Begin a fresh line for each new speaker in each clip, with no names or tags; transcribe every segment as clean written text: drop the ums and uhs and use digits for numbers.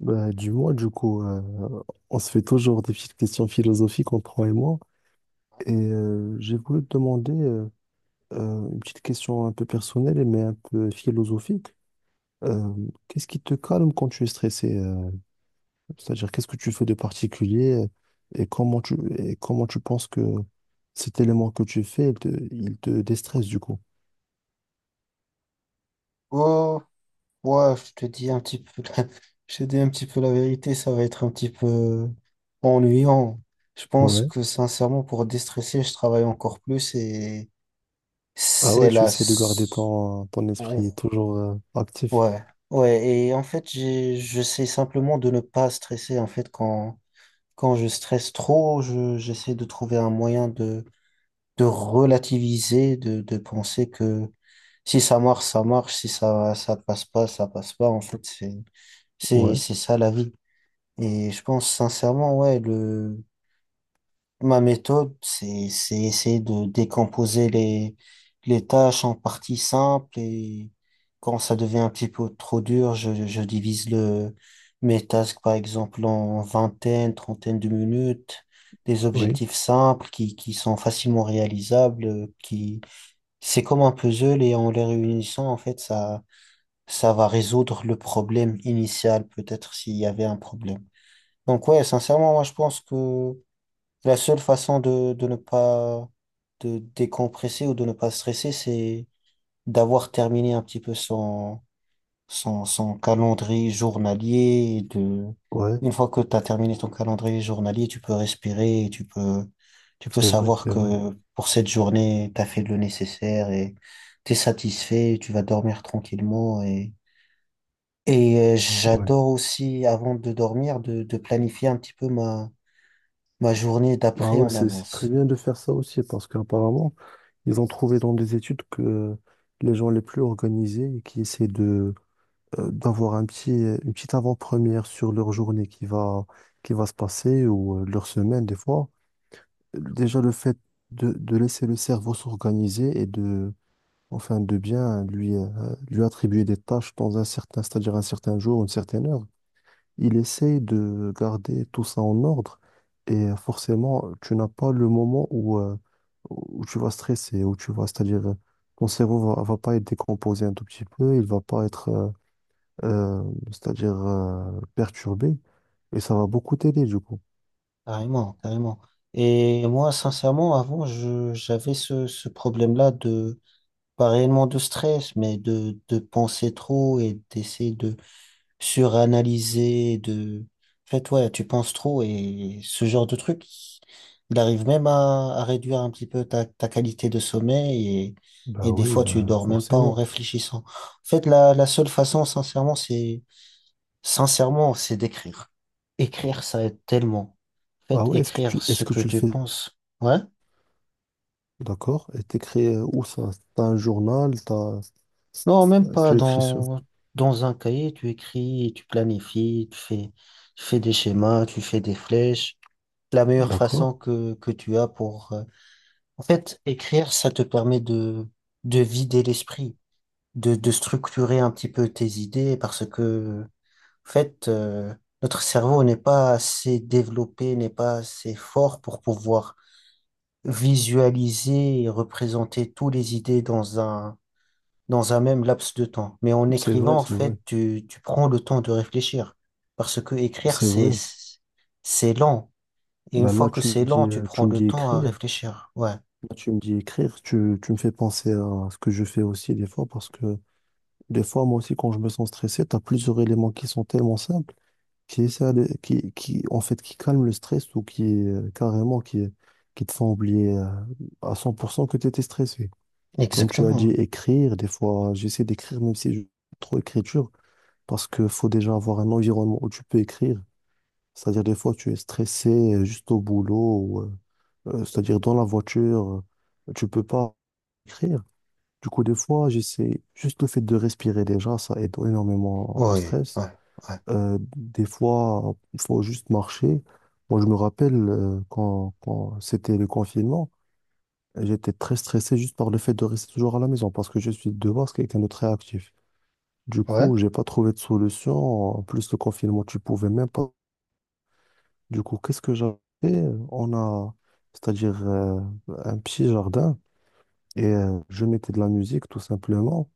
Bah, du moins, du coup, on se fait toujours des petites questions philosophiques entre toi et moi. Et j'ai voulu te demander une petite question un peu personnelle, mais un peu philosophique. Euh, Qu'est-ce qui te calme quand tu es stressé? C'est-à-dire, qu'est-ce que tu fais de particulier, et comment et comment tu penses que cet élément que tu fais, il te déstresse du coup?
Oh, ouais, je te dis un petit peu je te dis un petit peu la vérité, ça va être un petit peu ennuyant. Je pense
Ouais.
que sincèrement, pour déstresser, je travaille encore plus et
Ah ouais,
c'est
tu
la...
essaies de garder
s-
ton
Ouh,
esprit toujours actif.
ouais, ouais, et en fait, j'essaie simplement de ne pas stresser. En fait, quand je stresse trop, j'essaie de trouver un moyen de relativiser, de penser que si ça marche, ça marche, si ça, ça passe pas, ça passe pas. En fait,
Ouais,
c'est ça la vie. Et je pense sincèrement, ouais, ma méthode, c'est essayer de décomposer les tâches en parties simples et quand ça devient un petit peu trop dur, je divise mes tasks, par exemple, en vingtaine, trentaine de minutes, des
oui,
objectifs simples qui sont facilement réalisables, qui, c'est comme un puzzle et en les réunissant, en fait, ça va résoudre le problème initial, peut-être s'il y avait un problème. Donc ouais, sincèrement, moi je pense que la seule façon de ne pas de décompresser ou de ne pas stresser, c'est d'avoir terminé un petit peu son calendrier journalier. Et
ouais,
une fois que tu as terminé ton calendrier journalier, tu peux respirer, et tu peux
c'est vrai,
savoir
c'est vrai.
que pour cette journée, tu as fait le nécessaire et tu es satisfait, tu vas dormir tranquillement. Et
Ouais.
j'adore aussi, avant de dormir, de planifier un petit peu ma journée
Ah
d'après
ouais,
en
c'est très
avance.
bien de faire ça aussi, parce qu'apparemment, ils ont trouvé dans des études que les gens les plus organisés et qui essaient de d'avoir une petite avant-première sur leur journée qui va se passer ou leur semaine des fois, déjà le fait de laisser le cerveau s'organiser enfin, de bien lui attribuer des tâches dans un certain, c'est-à-dire un certain jour, une certaine heure. Il essaye de garder tout ça en ordre, forcément, tu n'as pas le moment où tu vas stresser, c'est-à-dire, ton cerveau va pas être décomposé un tout petit peu, il va pas être, euh, c'est-à-dire, perturbé, et ça va beaucoup t'aider du coup.
Carrément, carrément. Et moi, sincèrement, avant, j'avais ce problème-là de, pas réellement de stress, mais de penser trop et d'essayer de suranalyser, de, en fait, ouais, tu penses trop et ce genre de truc, il arrive même à réduire un petit peu ta qualité de sommeil et
Bah
des
oui,
fois, tu
ben
dors même pas en
forcément.
réfléchissant. En fait, la seule façon, sincèrement, sincèrement, c'est d'écrire. Écrire, ça aide tellement.
Ah
Faites
ouais,
écrire
est-ce
ce
que
que
tu le
tu
fais,
penses. Ouais?
d'accord? Et t'écris où ça? T'as un journal, t'as,
Non, même pas
tu écris sur.
dans, dans un cahier, tu écris, tu planifies, tu fais des schémas, tu fais des flèches. La meilleure
D'accord,
façon que tu as pour... en fait, écrire, ça te permet de vider l'esprit, de structurer un petit peu tes idées parce que, en fait, notre cerveau n'est pas assez développé, n'est pas assez fort pour pouvoir visualiser et représenter toutes les idées dans dans un même laps de temps. Mais en
c'est
écrivant,
vrai,
en
c'est vrai.
fait, tu prends le temps de réfléchir. Parce que
C'est vrai.
c'est lent. Et une
Ben
fois
là,
que c'est lent, tu prends
tu me
le
dis
temps à
écrire.
réfléchir. Ouais,
Là, tu me dis écrire. Tu me fais penser à ce que je fais aussi des fois parce que des fois, moi aussi, quand je me sens stressé, tu as plusieurs éléments qui sont tellement simples, qui essaient de- qui, en fait, qui calment le stress ou qui, carrément, qui te font oublier, à 100% que tu étais stressé. Comme tu as dit,
exactement.
écrire, des fois, j'essaie d'écrire même si je trop écriture parce que faut déjà avoir un environnement où tu peux écrire. C'est-à-dire, des fois, tu es stressé juste au boulot. C'est-à-dire dans la voiture, tu peux pas écrire. Du coup, des fois, j'essaie juste le fait de respirer déjà, ça aide énormément au
Oui,
stress.
ouais, ouais,
Des fois, il faut juste marcher. Moi, je me rappelle quand c'était le confinement, j'étais très stressé juste par le fait de rester toujours à la maison parce que je suis de base quelqu'un de très actif. Du
ouais.
coup, j'ai pas trouvé de solution. En plus, le confinement, tu pouvais même pas. Du coup, qu'est-ce que j'avais? On a, c'est-à-dire un petit jardin. Et je mettais de la musique tout simplement,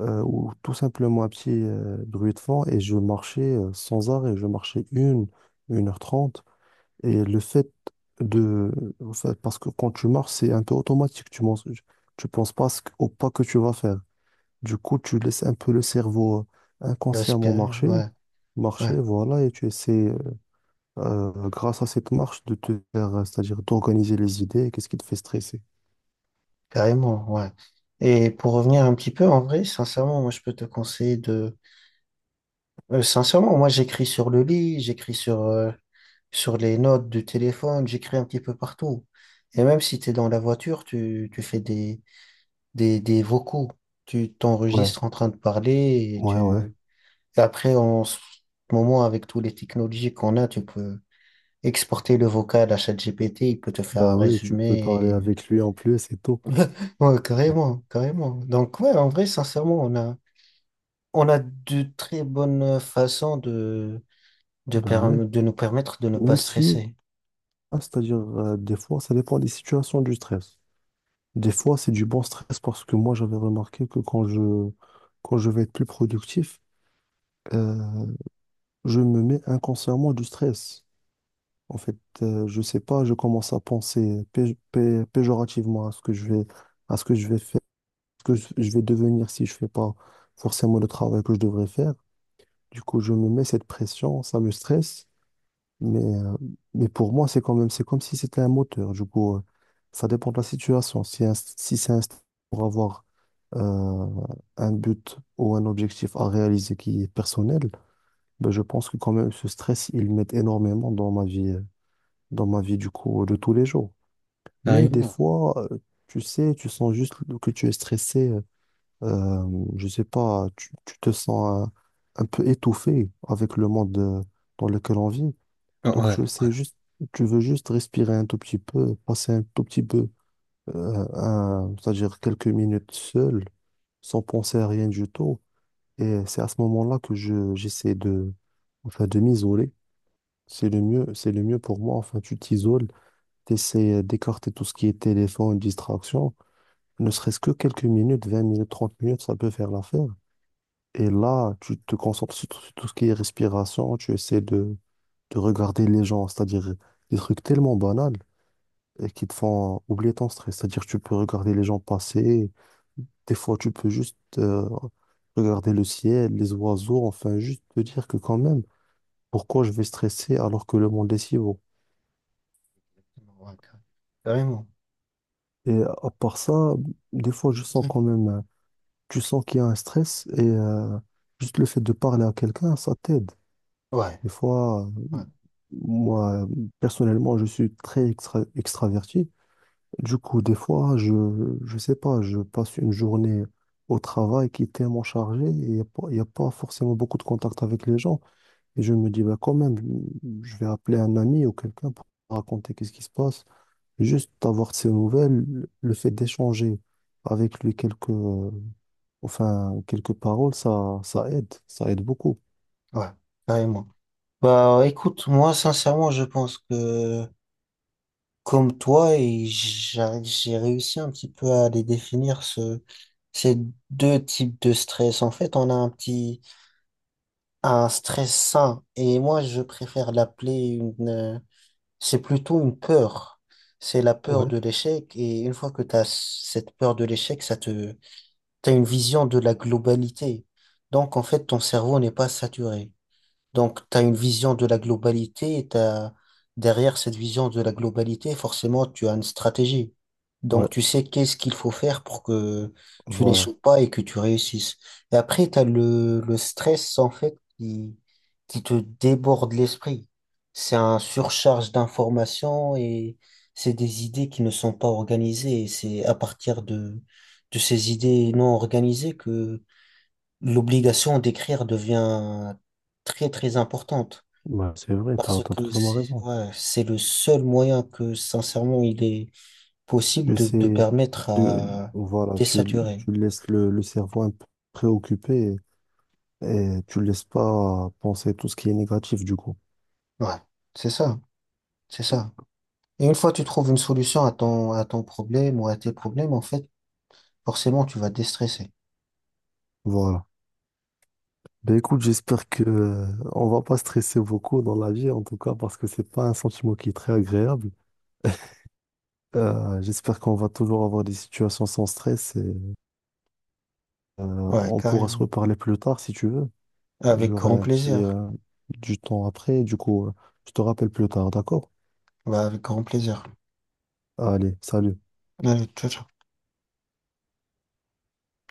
ou tout simplement un petit bruit de fond, et je marchais sans arrêt, 1h30. Et le fait de... en fait, parce que quand tu marches, c'est un peu automatique, tu penses pas à au pas que tu vas faire. Du coup, tu laisses un peu le cerveau inconsciemment
Respirer, ouais, ouais,
marcher, voilà, et tu essaies, grâce à cette marche de te faire, c'est-à-dire d'organiser les idées, qu'est-ce qui te fait stresser?
carrément, ouais. Et pour revenir un petit peu, en vrai, sincèrement, moi, je peux te conseiller de... sincèrement, moi, j'écris sur le lit, sur les notes du téléphone, j'écris un petit peu partout. Et même si tu es dans la voiture, tu fais des vocaux. Tu
Ouais.
t'enregistres en train de parler et
Ouais, ouais.
tu... et après, en ce moment, avec toutes les technologies qu'on a, tu peux exporter le vocal à ChatGPT, il peut te faire
Bah
un
oui, tu peux parler
résumé.
avec lui en plus et tout.
et- Ouais, carrément, carrément. Donc, ouais, en vrai, sincèrement, on a de très bonnes façons
Bah ouais.
de nous permettre de ne pas
Même si,
stresser.
ah, c'est-à-dire, des fois, ça dépend des situations du stress. Des fois, c'est du bon stress parce que moi, j'avais remarqué que quand je vais être plus productif, euh, je me mets inconsciemment du stress. En fait, je sais pas, je commence à penser péjorativement à ce que je vais, à ce que je vais faire, ce que je vais devenir si je fais pas forcément le travail que je devrais faire. Du coup, je me mets cette pression, ça me stresse, mais, euh, mais pour moi, c'est quand même, c'est comme si c'était un moteur. Du coup, ça dépend de la situation. Si c'est un stress pour avoir euh, un but ou un objectif à réaliser qui est personnel, ben, je pense que quand même, ce stress, il m'aide énormément dans ma vie du coup, de tous les jours. Mais des
Carrément.
fois, tu sais, tu sens juste que tu es stressé. Euh, je sais pas, tu te sens un peu étouffé avec le monde dans lequel on vit.
Ouais,
Donc, tu
ouais.
sais juste, tu veux juste respirer un tout petit peu, passer un tout petit peu, c'est-à-dire quelques minutes seul, sans penser à rien du tout. Et c'est à ce moment-là que j'essaie enfin, de m'isoler. C'est le mieux, c'est le mieux pour moi. Enfin, tu t'isoles, tu essaies d'écarter tout ce qui est téléphone, distraction. Ne serait-ce que quelques minutes, 20 minutes, 30 minutes, ça peut faire l'affaire. Et là, tu te concentres sur tout ce qui est respiration. Tu essaies de regarder les gens, c'est-à-dire des trucs tellement banals et qui te font oublier ton stress. C'est-à-dire tu peux regarder les gens passer. Des fois, tu peux juste regarder le ciel, les oiseaux. Enfin, juste te dire que quand même, pourquoi je vais stresser alors que le monde est si beau?
Ouais, carrément.
Et à part ça, des fois, je sens
Ouais,
quand même, tu sens qu'il y a un stress et, juste le fait de parler à quelqu'un, ça t'aide. Des fois,
ouais,
moi, euh, personnellement, je suis très extraverti. Du coup, des fois, je sais pas, je passe une journée au travail qui est tellement chargée et il n'y a, pas y a pas forcément beaucoup de contact avec les gens. Et je me dis, bah, quand même, je vais appeler un ami ou quelqu'un pour raconter qu'est-ce qui se passe. Juste avoir de ses nouvelles, le fait d'échanger avec lui enfin, quelques paroles, ça aide beaucoup.
ouais, carrément. Bah écoute, moi sincèrement, je pense que comme toi, et j'ai réussi un petit peu à les définir ces deux types de stress. En fait, on a un petit un stress sain et moi je préfère l'appeler une euh, c'est plutôt une peur. C'est la peur
Ouais,
de l'échec et une fois que tu as cette peur de l'échec, ça te tu as une vision de la globalité. Donc, en fait, ton cerveau n'est pas saturé. Donc, tu as une vision de la globalité et derrière cette vision de la globalité, forcément, tu as une stratégie.
ouais,
Donc, tu sais qu'est-ce qu'il faut faire pour que tu
voilà.
n'échoues pas et que tu réussisses. Et après, tu as le stress, en fait, qui te déborde l'esprit. C'est un surcharge d'informations et c'est des idées qui ne sont pas organisées. Et c'est à partir de ces idées non organisées que l'obligation d'écrire devient très très importante
Ouais, c'est vrai,
parce
t'as
que
totalement raison.
c'est le seul moyen que sincèrement il est possible
Tu
de
sais,
permettre
de,
à
voilà,
désaturer.
tu laisses le cerveau un peu préoccupé et, tu le laisses pas penser tout ce qui est négatif du coup.
Ouais, c'est ça, c'est ça. Et une fois que tu trouves une solution à ton problème ou à tes problèmes, en fait, forcément tu vas déstresser.
Voilà. Ben écoute, j'espère que on va pas stresser beaucoup dans la vie, en tout cas, parce que c'est pas un sentiment qui est très agréable. J'espère qu'on va toujours avoir des situations sans stress et,
Ouais,
on pourra se
carrément.
reparler plus tard si tu veux.
Avec
J'aurai
grand
un petit
plaisir.
du temps après, du coup, je te rappelle plus tard, d'accord?
Ouais, avec grand plaisir.
Allez, salut.
Allez, ciao, ciao.